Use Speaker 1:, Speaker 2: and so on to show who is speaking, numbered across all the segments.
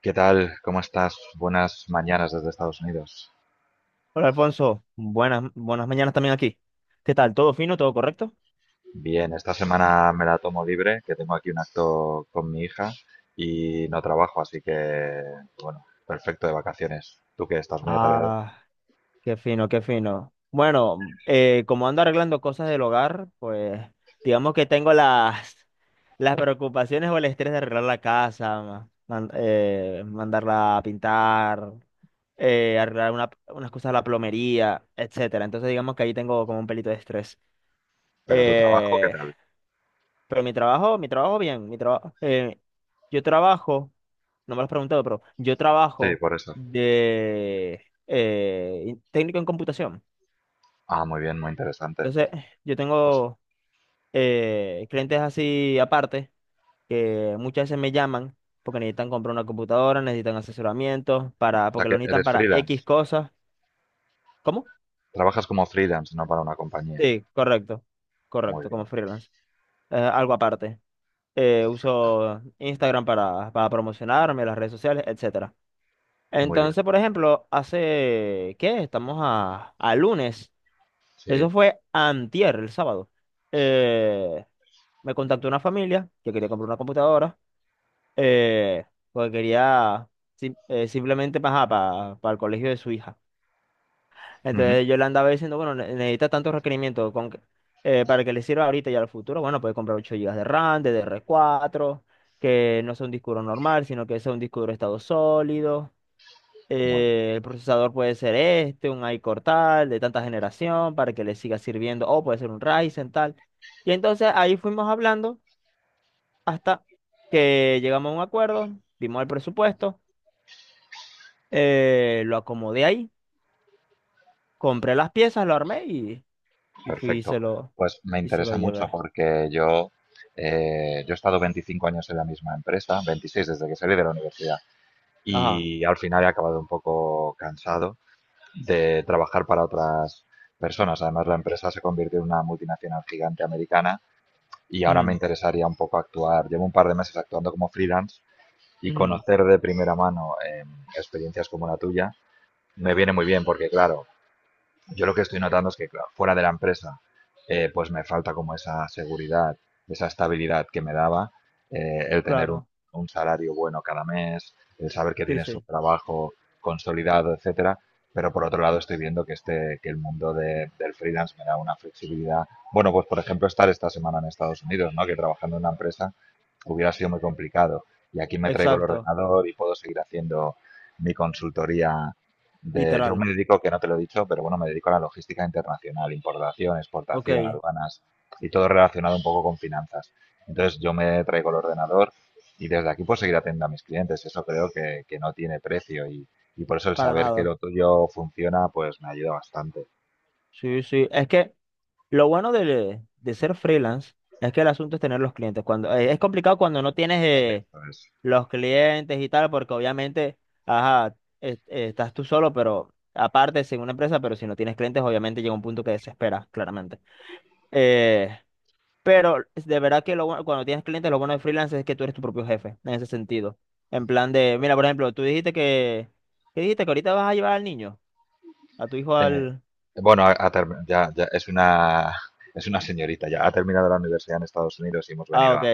Speaker 1: ¿Qué tal? ¿Cómo estás? Buenas mañanas desde Estados Unidos.
Speaker 2: Hola Alfonso, buenas mañanas también aquí. ¿Qué tal? ¿Todo fino? ¿Todo correcto?
Speaker 1: Bien, esta semana me la tomo libre, que tengo aquí un acto con mi hija y no trabajo, así que, bueno, perfecto de vacaciones. Tú que estás muy atareado.
Speaker 2: Ah, qué fino, qué fino. Bueno, como ando arreglando cosas del hogar, pues digamos que tengo las, las preocupaciones o el estrés de arreglar la casa, mandarla a pintar, arreglar unas cosas de la plomería, etcétera. Entonces digamos que ahí tengo como un pelito de estrés.
Speaker 1: Pero tu trabajo, ¿qué
Speaker 2: Eh,
Speaker 1: tal?
Speaker 2: Pero mi trabajo bien, mi trabajo, yo trabajo, no me lo has preguntado, pero yo
Speaker 1: Sí,
Speaker 2: trabajo
Speaker 1: por eso.
Speaker 2: de técnico en computación.
Speaker 1: Ah, muy bien, muy interesante.
Speaker 2: Entonces, yo
Speaker 1: O s-
Speaker 2: tengo clientes así aparte que muchas veces me llaman porque necesitan comprar una computadora, necesitan asesoramiento
Speaker 1: o sea
Speaker 2: porque lo
Speaker 1: que
Speaker 2: necesitan
Speaker 1: eres
Speaker 2: para
Speaker 1: freelance.
Speaker 2: X cosas. ¿Cómo?
Speaker 1: Trabajas como freelance, no para una compañía.
Speaker 2: Sí, correcto,
Speaker 1: Muy
Speaker 2: correcto, como
Speaker 1: bien,
Speaker 2: freelance. Algo aparte.
Speaker 1: perfecto.
Speaker 2: Uso Instagram para promocionarme, las redes sociales, etcétera.
Speaker 1: Muy bien,
Speaker 2: Entonces, por ejemplo, hace, ¿qué? Estamos a, lunes. Eso
Speaker 1: sí.
Speaker 2: fue antier, el sábado. Eh, Me contactó una familia que quería comprar una computadora, eh, porque quería simplemente para el colegio de su hija.
Speaker 1: Ujú.
Speaker 2: Entonces yo le andaba diciendo, bueno, necesita tantos requerimientos para que le sirva ahorita y al futuro. Bueno, puede comprar 8 gigas de RAM, DDR4, que no sea un disco duro normal, sino que sea un disco duro de estado sólido.
Speaker 1: Muy bien.
Speaker 2: El procesador puede ser este, un iCore tal, de tanta generación, para que le siga sirviendo, o puede ser un Ryzen tal. Y entonces ahí fuimos hablando hasta que llegamos a un acuerdo, vimos el presupuesto, lo acomodé ahí, compré las piezas, lo armé y fui
Speaker 1: Perfecto. Pues me
Speaker 2: y se lo
Speaker 1: interesa mucho
Speaker 2: llevé.
Speaker 1: porque yo, yo he estado 25 años en la misma empresa, 26 desde que salí de la universidad,
Speaker 2: Ajá.
Speaker 1: y al final he acabado un poco cansado de trabajar para otras personas. Además, la empresa se convirtió en una multinacional gigante americana y ahora me
Speaker 2: Ujú,
Speaker 1: interesaría un poco actuar. Llevo un par de meses actuando como freelance y
Speaker 2: ujú,
Speaker 1: conocer de primera mano experiencias como la tuya me viene muy bien porque, claro, yo lo que estoy notando es que claro, fuera de la empresa, pues me falta como esa seguridad, esa estabilidad que me daba el tener
Speaker 2: claro.
Speaker 1: un salario bueno cada mes, el saber que
Speaker 2: Sí,
Speaker 1: tienes un
Speaker 2: sí.
Speaker 1: trabajo consolidado, etcétera. Pero por otro lado estoy viendo que este, que el mundo del freelance me da una flexibilidad. Bueno, pues por ejemplo estar esta semana en Estados Unidos, ¿no? Que trabajando en una empresa hubiera sido muy complicado. Y aquí me traigo el
Speaker 2: Exacto.
Speaker 1: ordenador y puedo seguir haciendo mi consultoría yo
Speaker 2: Literal.
Speaker 1: me dedico, que no te lo he dicho, pero bueno, me dedico a la logística internacional, importación, exportación,
Speaker 2: Ok.
Speaker 1: aduanas y todo relacionado un poco con finanzas. Entonces yo me traigo el ordenador y desde aquí puedo seguir atendiendo a mis clientes. Eso creo que no tiene precio y por eso el
Speaker 2: Para
Speaker 1: saber que
Speaker 2: nada.
Speaker 1: lo tuyo funciona, pues me ayuda bastante.
Speaker 2: Sí, sí. Es que lo bueno de ser freelance es que el asunto es tener los clientes. Es complicado cuando no tienes
Speaker 1: Entonces,
Speaker 2: los clientes y tal, porque obviamente, ajá, estás tú solo, pero aparte, sin una empresa, pero si no tienes clientes, obviamente llega un punto que desesperas, claramente. Eh, pero es de verdad que cuando tienes clientes, lo bueno de freelance es que tú eres tu propio jefe, en ese sentido. En plan de, mira, por ejemplo, tú dijiste que, ¿qué dijiste? Que ahorita vas a llevar al niño, a tu hijo
Speaker 1: eh,
Speaker 2: al.
Speaker 1: bueno, ya es una, es una señorita, ya ha terminado la universidad en Estados Unidos y hemos
Speaker 2: Ah,
Speaker 1: venido
Speaker 2: ok.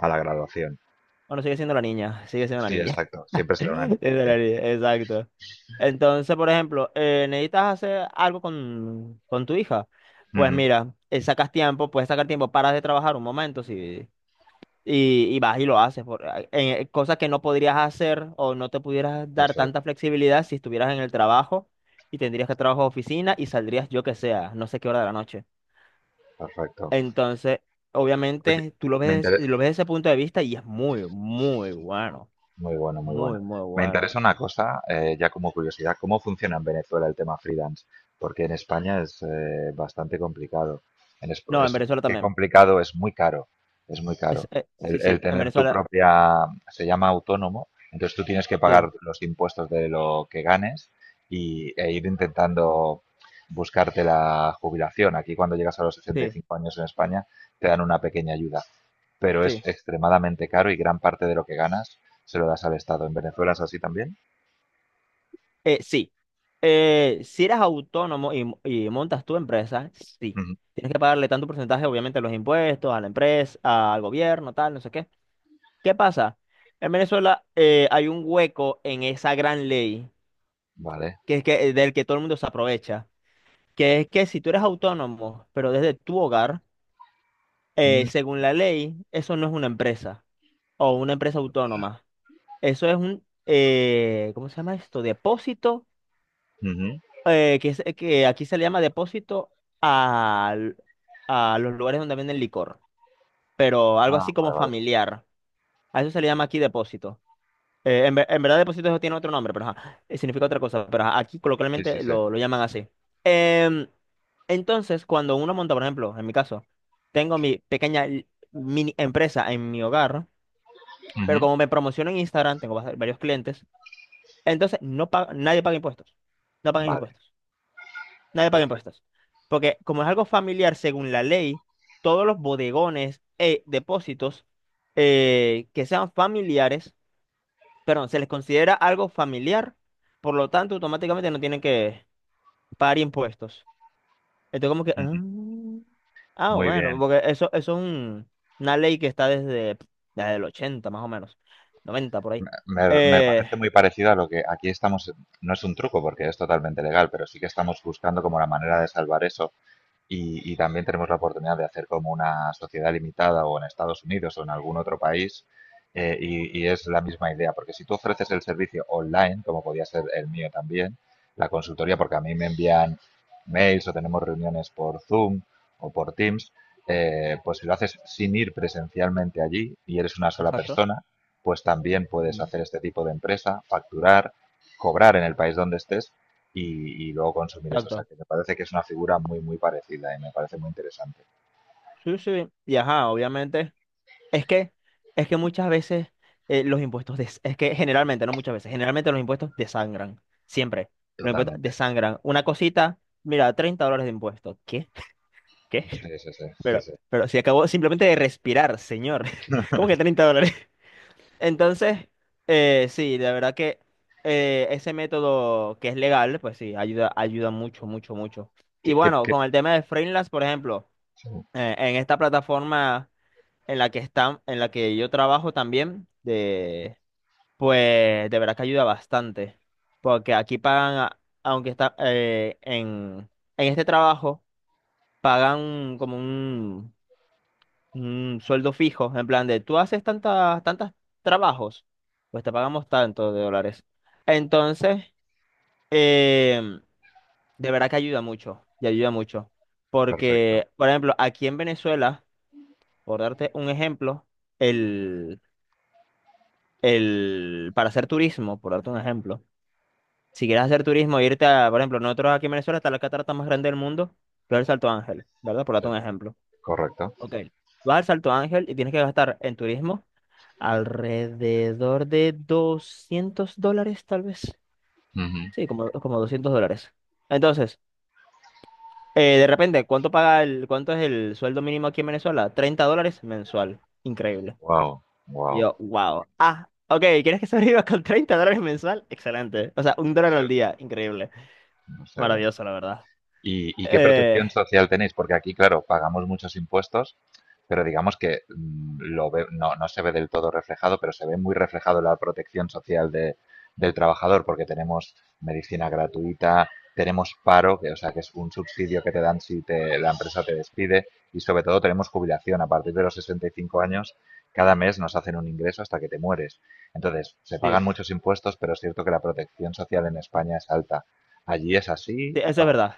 Speaker 1: a la graduación.
Speaker 2: Bueno, sigue siendo la niña, sigue siendo la
Speaker 1: Sí,
Speaker 2: niña.
Speaker 1: exacto, siempre será una
Speaker 2: Es
Speaker 1: niña,
Speaker 2: de
Speaker 1: sí.
Speaker 2: la herida. Exacto. Entonces, por ejemplo, necesitas hacer algo con tu hija. Pues
Speaker 1: Ujú.
Speaker 2: mira, sacas tiempo, puedes sacar tiempo, paras de trabajar un momento si, y vas y lo haces. Cosas que no podrías hacer o no te pudieras dar
Speaker 1: Eso es.
Speaker 2: tanta flexibilidad si estuvieras en el trabajo y tendrías que trabajar a oficina y saldrías yo que sea, no sé qué hora de la noche.
Speaker 1: Perfecto.
Speaker 2: Entonces,
Speaker 1: Oye,
Speaker 2: obviamente, tú
Speaker 1: me inter-
Speaker 2: lo ves desde ese punto de vista y es muy, muy bueno.
Speaker 1: muy bueno, muy bueno.
Speaker 2: Muy, muy
Speaker 1: Me
Speaker 2: bueno.
Speaker 1: interesa una cosa, ya como curiosidad, ¿cómo funciona en Venezuela el tema freelance? Porque en España es bastante complicado. En
Speaker 2: No, en
Speaker 1: es más
Speaker 2: Venezuela
Speaker 1: que
Speaker 2: también.
Speaker 1: complicado, es muy caro. Es muy caro.
Speaker 2: Sí,
Speaker 1: El
Speaker 2: sí, en
Speaker 1: tener tu
Speaker 2: Venezuela,
Speaker 1: propia, se llama autónomo, entonces tú tienes que
Speaker 2: sí,
Speaker 1: pagar los impuestos de lo que ganes y, e ir intentando buscarte la jubilación. Aquí cuando llegas a los
Speaker 2: sí,
Speaker 1: 65 años en España te dan una pequeña ayuda. Pero es
Speaker 2: sí.
Speaker 1: extremadamente caro y gran parte de lo que ganas se lo das al Estado. ¿En Venezuela es así también?
Speaker 2: Sí. Si eres autónomo y montas tu empresa, sí.
Speaker 1: Ujú.
Speaker 2: Tienes que pagarle tanto porcentaje, obviamente, a los impuestos, a la empresa, al gobierno, tal, no sé qué. ¿Qué pasa? En Venezuela hay un hueco en esa gran ley,
Speaker 1: Vale.
Speaker 2: que es que, del que todo el mundo se aprovecha, que es que si tú eres autónomo, pero desde tu hogar,
Speaker 1: Mm,
Speaker 2: según la ley, eso no es una empresa o una empresa autónoma. Eso es un, ¿cómo se llama esto? Depósito,
Speaker 1: ujú.
Speaker 2: que aquí se le llama depósito al- a los lugares donde venden licor, pero algo
Speaker 1: Ah,
Speaker 2: así como
Speaker 1: vale, vale.
Speaker 2: familiar. A eso se le llama aquí depósito. En verdad depósito eso tiene otro nombre, pero ajá, significa otra cosa, pero ajá, aquí
Speaker 1: Sí, sí,
Speaker 2: coloquialmente
Speaker 1: sí.
Speaker 2: lo llaman así. Em, entonces, cuando uno monta, por ejemplo, en mi caso, tengo mi pequeña mini empresa en mi hogar, pero
Speaker 1: Ujú.
Speaker 2: como me promociono en Instagram, tengo varios clientes. Entonces, nadie paga impuestos. No pagan
Speaker 1: Vale,
Speaker 2: impuestos. Nadie paga
Speaker 1: perfecto.
Speaker 2: impuestos. Porque como es algo familiar, según la ley, todos los bodegones e depósitos que sean familiares, perdón, se les considera algo familiar, por lo tanto, automáticamente no tienen que pagar impuestos. Entonces, como que,
Speaker 1: Ujú. Muy
Speaker 2: bueno,
Speaker 1: bien.
Speaker 2: porque eso es una ley que está desde, el 80 más o menos, 90 por ahí.
Speaker 1: Me
Speaker 2: Eh,
Speaker 1: parece muy parecido a lo que aquí estamos, no es un truco porque es totalmente legal, pero sí que estamos buscando como la manera de salvar eso. Y también tenemos la oportunidad de hacer como una sociedad limitada o en Estados Unidos o en algún otro país. Y es la misma idea, porque si tú ofreces el servicio online, como podía ser el mío también, la consultoría, porque a mí me envían mails o tenemos reuniones por Zoom o por Teams, pues si lo haces sin ir presencialmente allí y eres una sola
Speaker 2: Exacto.
Speaker 1: persona, pues también puedes
Speaker 2: Mm.
Speaker 1: hacer este tipo de empresa, facturar, cobrar en el país donde estés y luego consumir eso. O sea,
Speaker 2: Exacto.
Speaker 1: que me parece que es una figura muy, muy parecida y me parece muy interesante.
Speaker 2: Sí, sí, y ajá, obviamente. Es que, es que muchas veces los impuestos, es que generalmente, no muchas veces, generalmente los impuestos desangran, siempre. Los impuestos
Speaker 1: Totalmente.
Speaker 2: desangran. Una cosita, mira, $30 de impuestos. ¿Qué? ¿Qué?
Speaker 1: Sí, sí, sí. Sí,
Speaker 2: Pero,
Speaker 1: sí.
Speaker 2: pero si acabó simplemente de respirar, señor. ¿Cómo que $30? Entonces, sí, la verdad que ese método que es legal, pues sí, ayuda, ayuda mucho, mucho, mucho.
Speaker 1: ¿Qué-
Speaker 2: Y
Speaker 1: qué-
Speaker 2: bueno,
Speaker 1: qué?
Speaker 2: con el tema de freelance, por ejemplo,
Speaker 1: Sí,
Speaker 2: en esta plataforma en la que están, en la que yo trabajo también, pues de verdad que ayuda bastante, porque aquí pagan, aunque está en este trabajo, pagan como un sueldo fijo, en plan de tú haces tantas, tantas trabajos, pues te pagamos tanto de dólares. Entonces, em, de verdad que ayuda mucho, y ayuda mucho,
Speaker 1: perfecto.
Speaker 2: porque, por ejemplo, aquí en Venezuela, por darte un ejemplo, para hacer turismo, por darte un ejemplo, si quieres hacer turismo, irte a, por ejemplo, nosotros aquí en Venezuela está la catarata más grande del mundo, pero el Salto Ángel, ¿verdad? Por
Speaker 1: Sí,
Speaker 2: darte un ejemplo.
Speaker 1: correcto.
Speaker 2: Ok. Vas al Salto Ángel y tienes que gastar en turismo alrededor de $200, tal vez. Sí, como $200. Entonces, de repente, ¿cuánto paga cuánto es el sueldo mínimo aquí en Venezuela? $30 mensual. Increíble.
Speaker 1: Wow,
Speaker 2: Y
Speaker 1: wow.
Speaker 2: yo, wow. Ah, ok, ¿quieres que sobreviva con $30 mensual? Excelente. O sea, $1
Speaker 1: No,
Speaker 2: al día. Increíble.
Speaker 1: no.
Speaker 2: Maravilloso, la verdad.
Speaker 1: ¿Y, y qué
Speaker 2: Eh,
Speaker 1: protección social tenéis? Porque aquí, claro, pagamos muchos impuestos, pero digamos que no, no se ve del todo reflejado, pero se ve muy reflejado la protección social del trabajador, porque tenemos medicina gratuita, tenemos paro, que, o sea, que es un subsidio que te dan si la empresa te despide, y sobre todo tenemos jubilación. A partir de los 65 años, cada mes nos hacen un ingreso hasta que te mueres. Entonces, se
Speaker 2: sí,
Speaker 1: pagan muchos impuestos, pero es cierto que la protección social en España es alta. ¿Allí es así?
Speaker 2: sí, eso es verdad.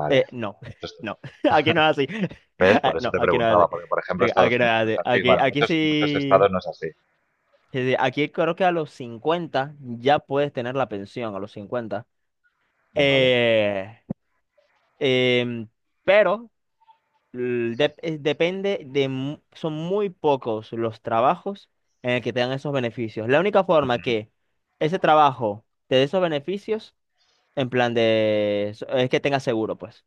Speaker 1: Vale.
Speaker 2: No,
Speaker 1: Muchos-
Speaker 2: no. Aquí no es así.
Speaker 1: ¿Ves?
Speaker 2: Ah,
Speaker 1: Por eso
Speaker 2: no,
Speaker 1: te
Speaker 2: aquí no
Speaker 1: preguntaba,
Speaker 2: es así.
Speaker 1: porque por ejemplo
Speaker 2: Aquí
Speaker 1: Estados
Speaker 2: aquí no es
Speaker 1: Unidos no es
Speaker 2: así.
Speaker 1: así.
Speaker 2: Aquí,
Speaker 1: Bueno,
Speaker 2: aquí
Speaker 1: muchos, muchos estados
Speaker 2: sí.
Speaker 1: no es así.
Speaker 2: Sí, sí, aquí creo que a los 50 ya puedes tener la pensión, a los 50.
Speaker 1: Vale.
Speaker 2: Eh, em, pero depende de, son muy pocos los trabajos en el que te dan esos beneficios. La única forma
Speaker 1: Ujú.
Speaker 2: que ese trabajo te dé esos beneficios, en plan de, es que tengas seguro, pues.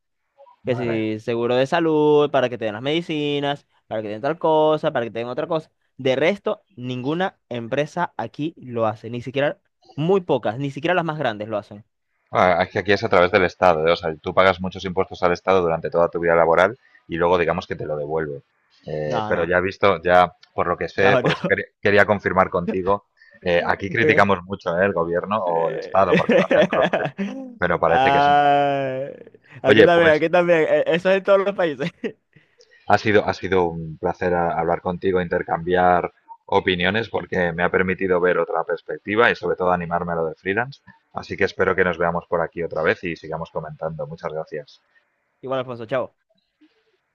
Speaker 2: Que
Speaker 1: Vale.
Speaker 2: si seguro de salud, para que te den las medicinas, para que te den tal cosa, para que te den otra cosa. De resto, ninguna empresa aquí lo hace, ni siquiera, muy pocas, ni siquiera las más grandes lo hacen.
Speaker 1: Ah, es que aquí es a través del estado, ¿eh? O sea, tú pagas muchos impuestos al estado durante toda tu vida laboral y luego digamos que te lo devuelve.
Speaker 2: No,
Speaker 1: Pero
Speaker 2: no,
Speaker 1: ya he visto, ya por lo que sé,
Speaker 2: no,
Speaker 1: por eso
Speaker 2: no.
Speaker 1: quería, quería confirmar contigo, aquí criticamos mucho, ¿eh? El gobierno o el estado, porque lo hacen todos los gobiernos, pero parece que es una...
Speaker 2: Ah, aquí
Speaker 1: Oye,
Speaker 2: también,
Speaker 1: pues...
Speaker 2: aquí también. Eso es en todos los países.
Speaker 1: Ha sido un placer hablar contigo, intercambiar opiniones, porque me ha permitido ver otra perspectiva y sobre todo animarme a lo de freelance. Así que espero que nos veamos por aquí otra vez y sigamos comentando. Muchas gracias.
Speaker 2: Igual, Alfonso, chao.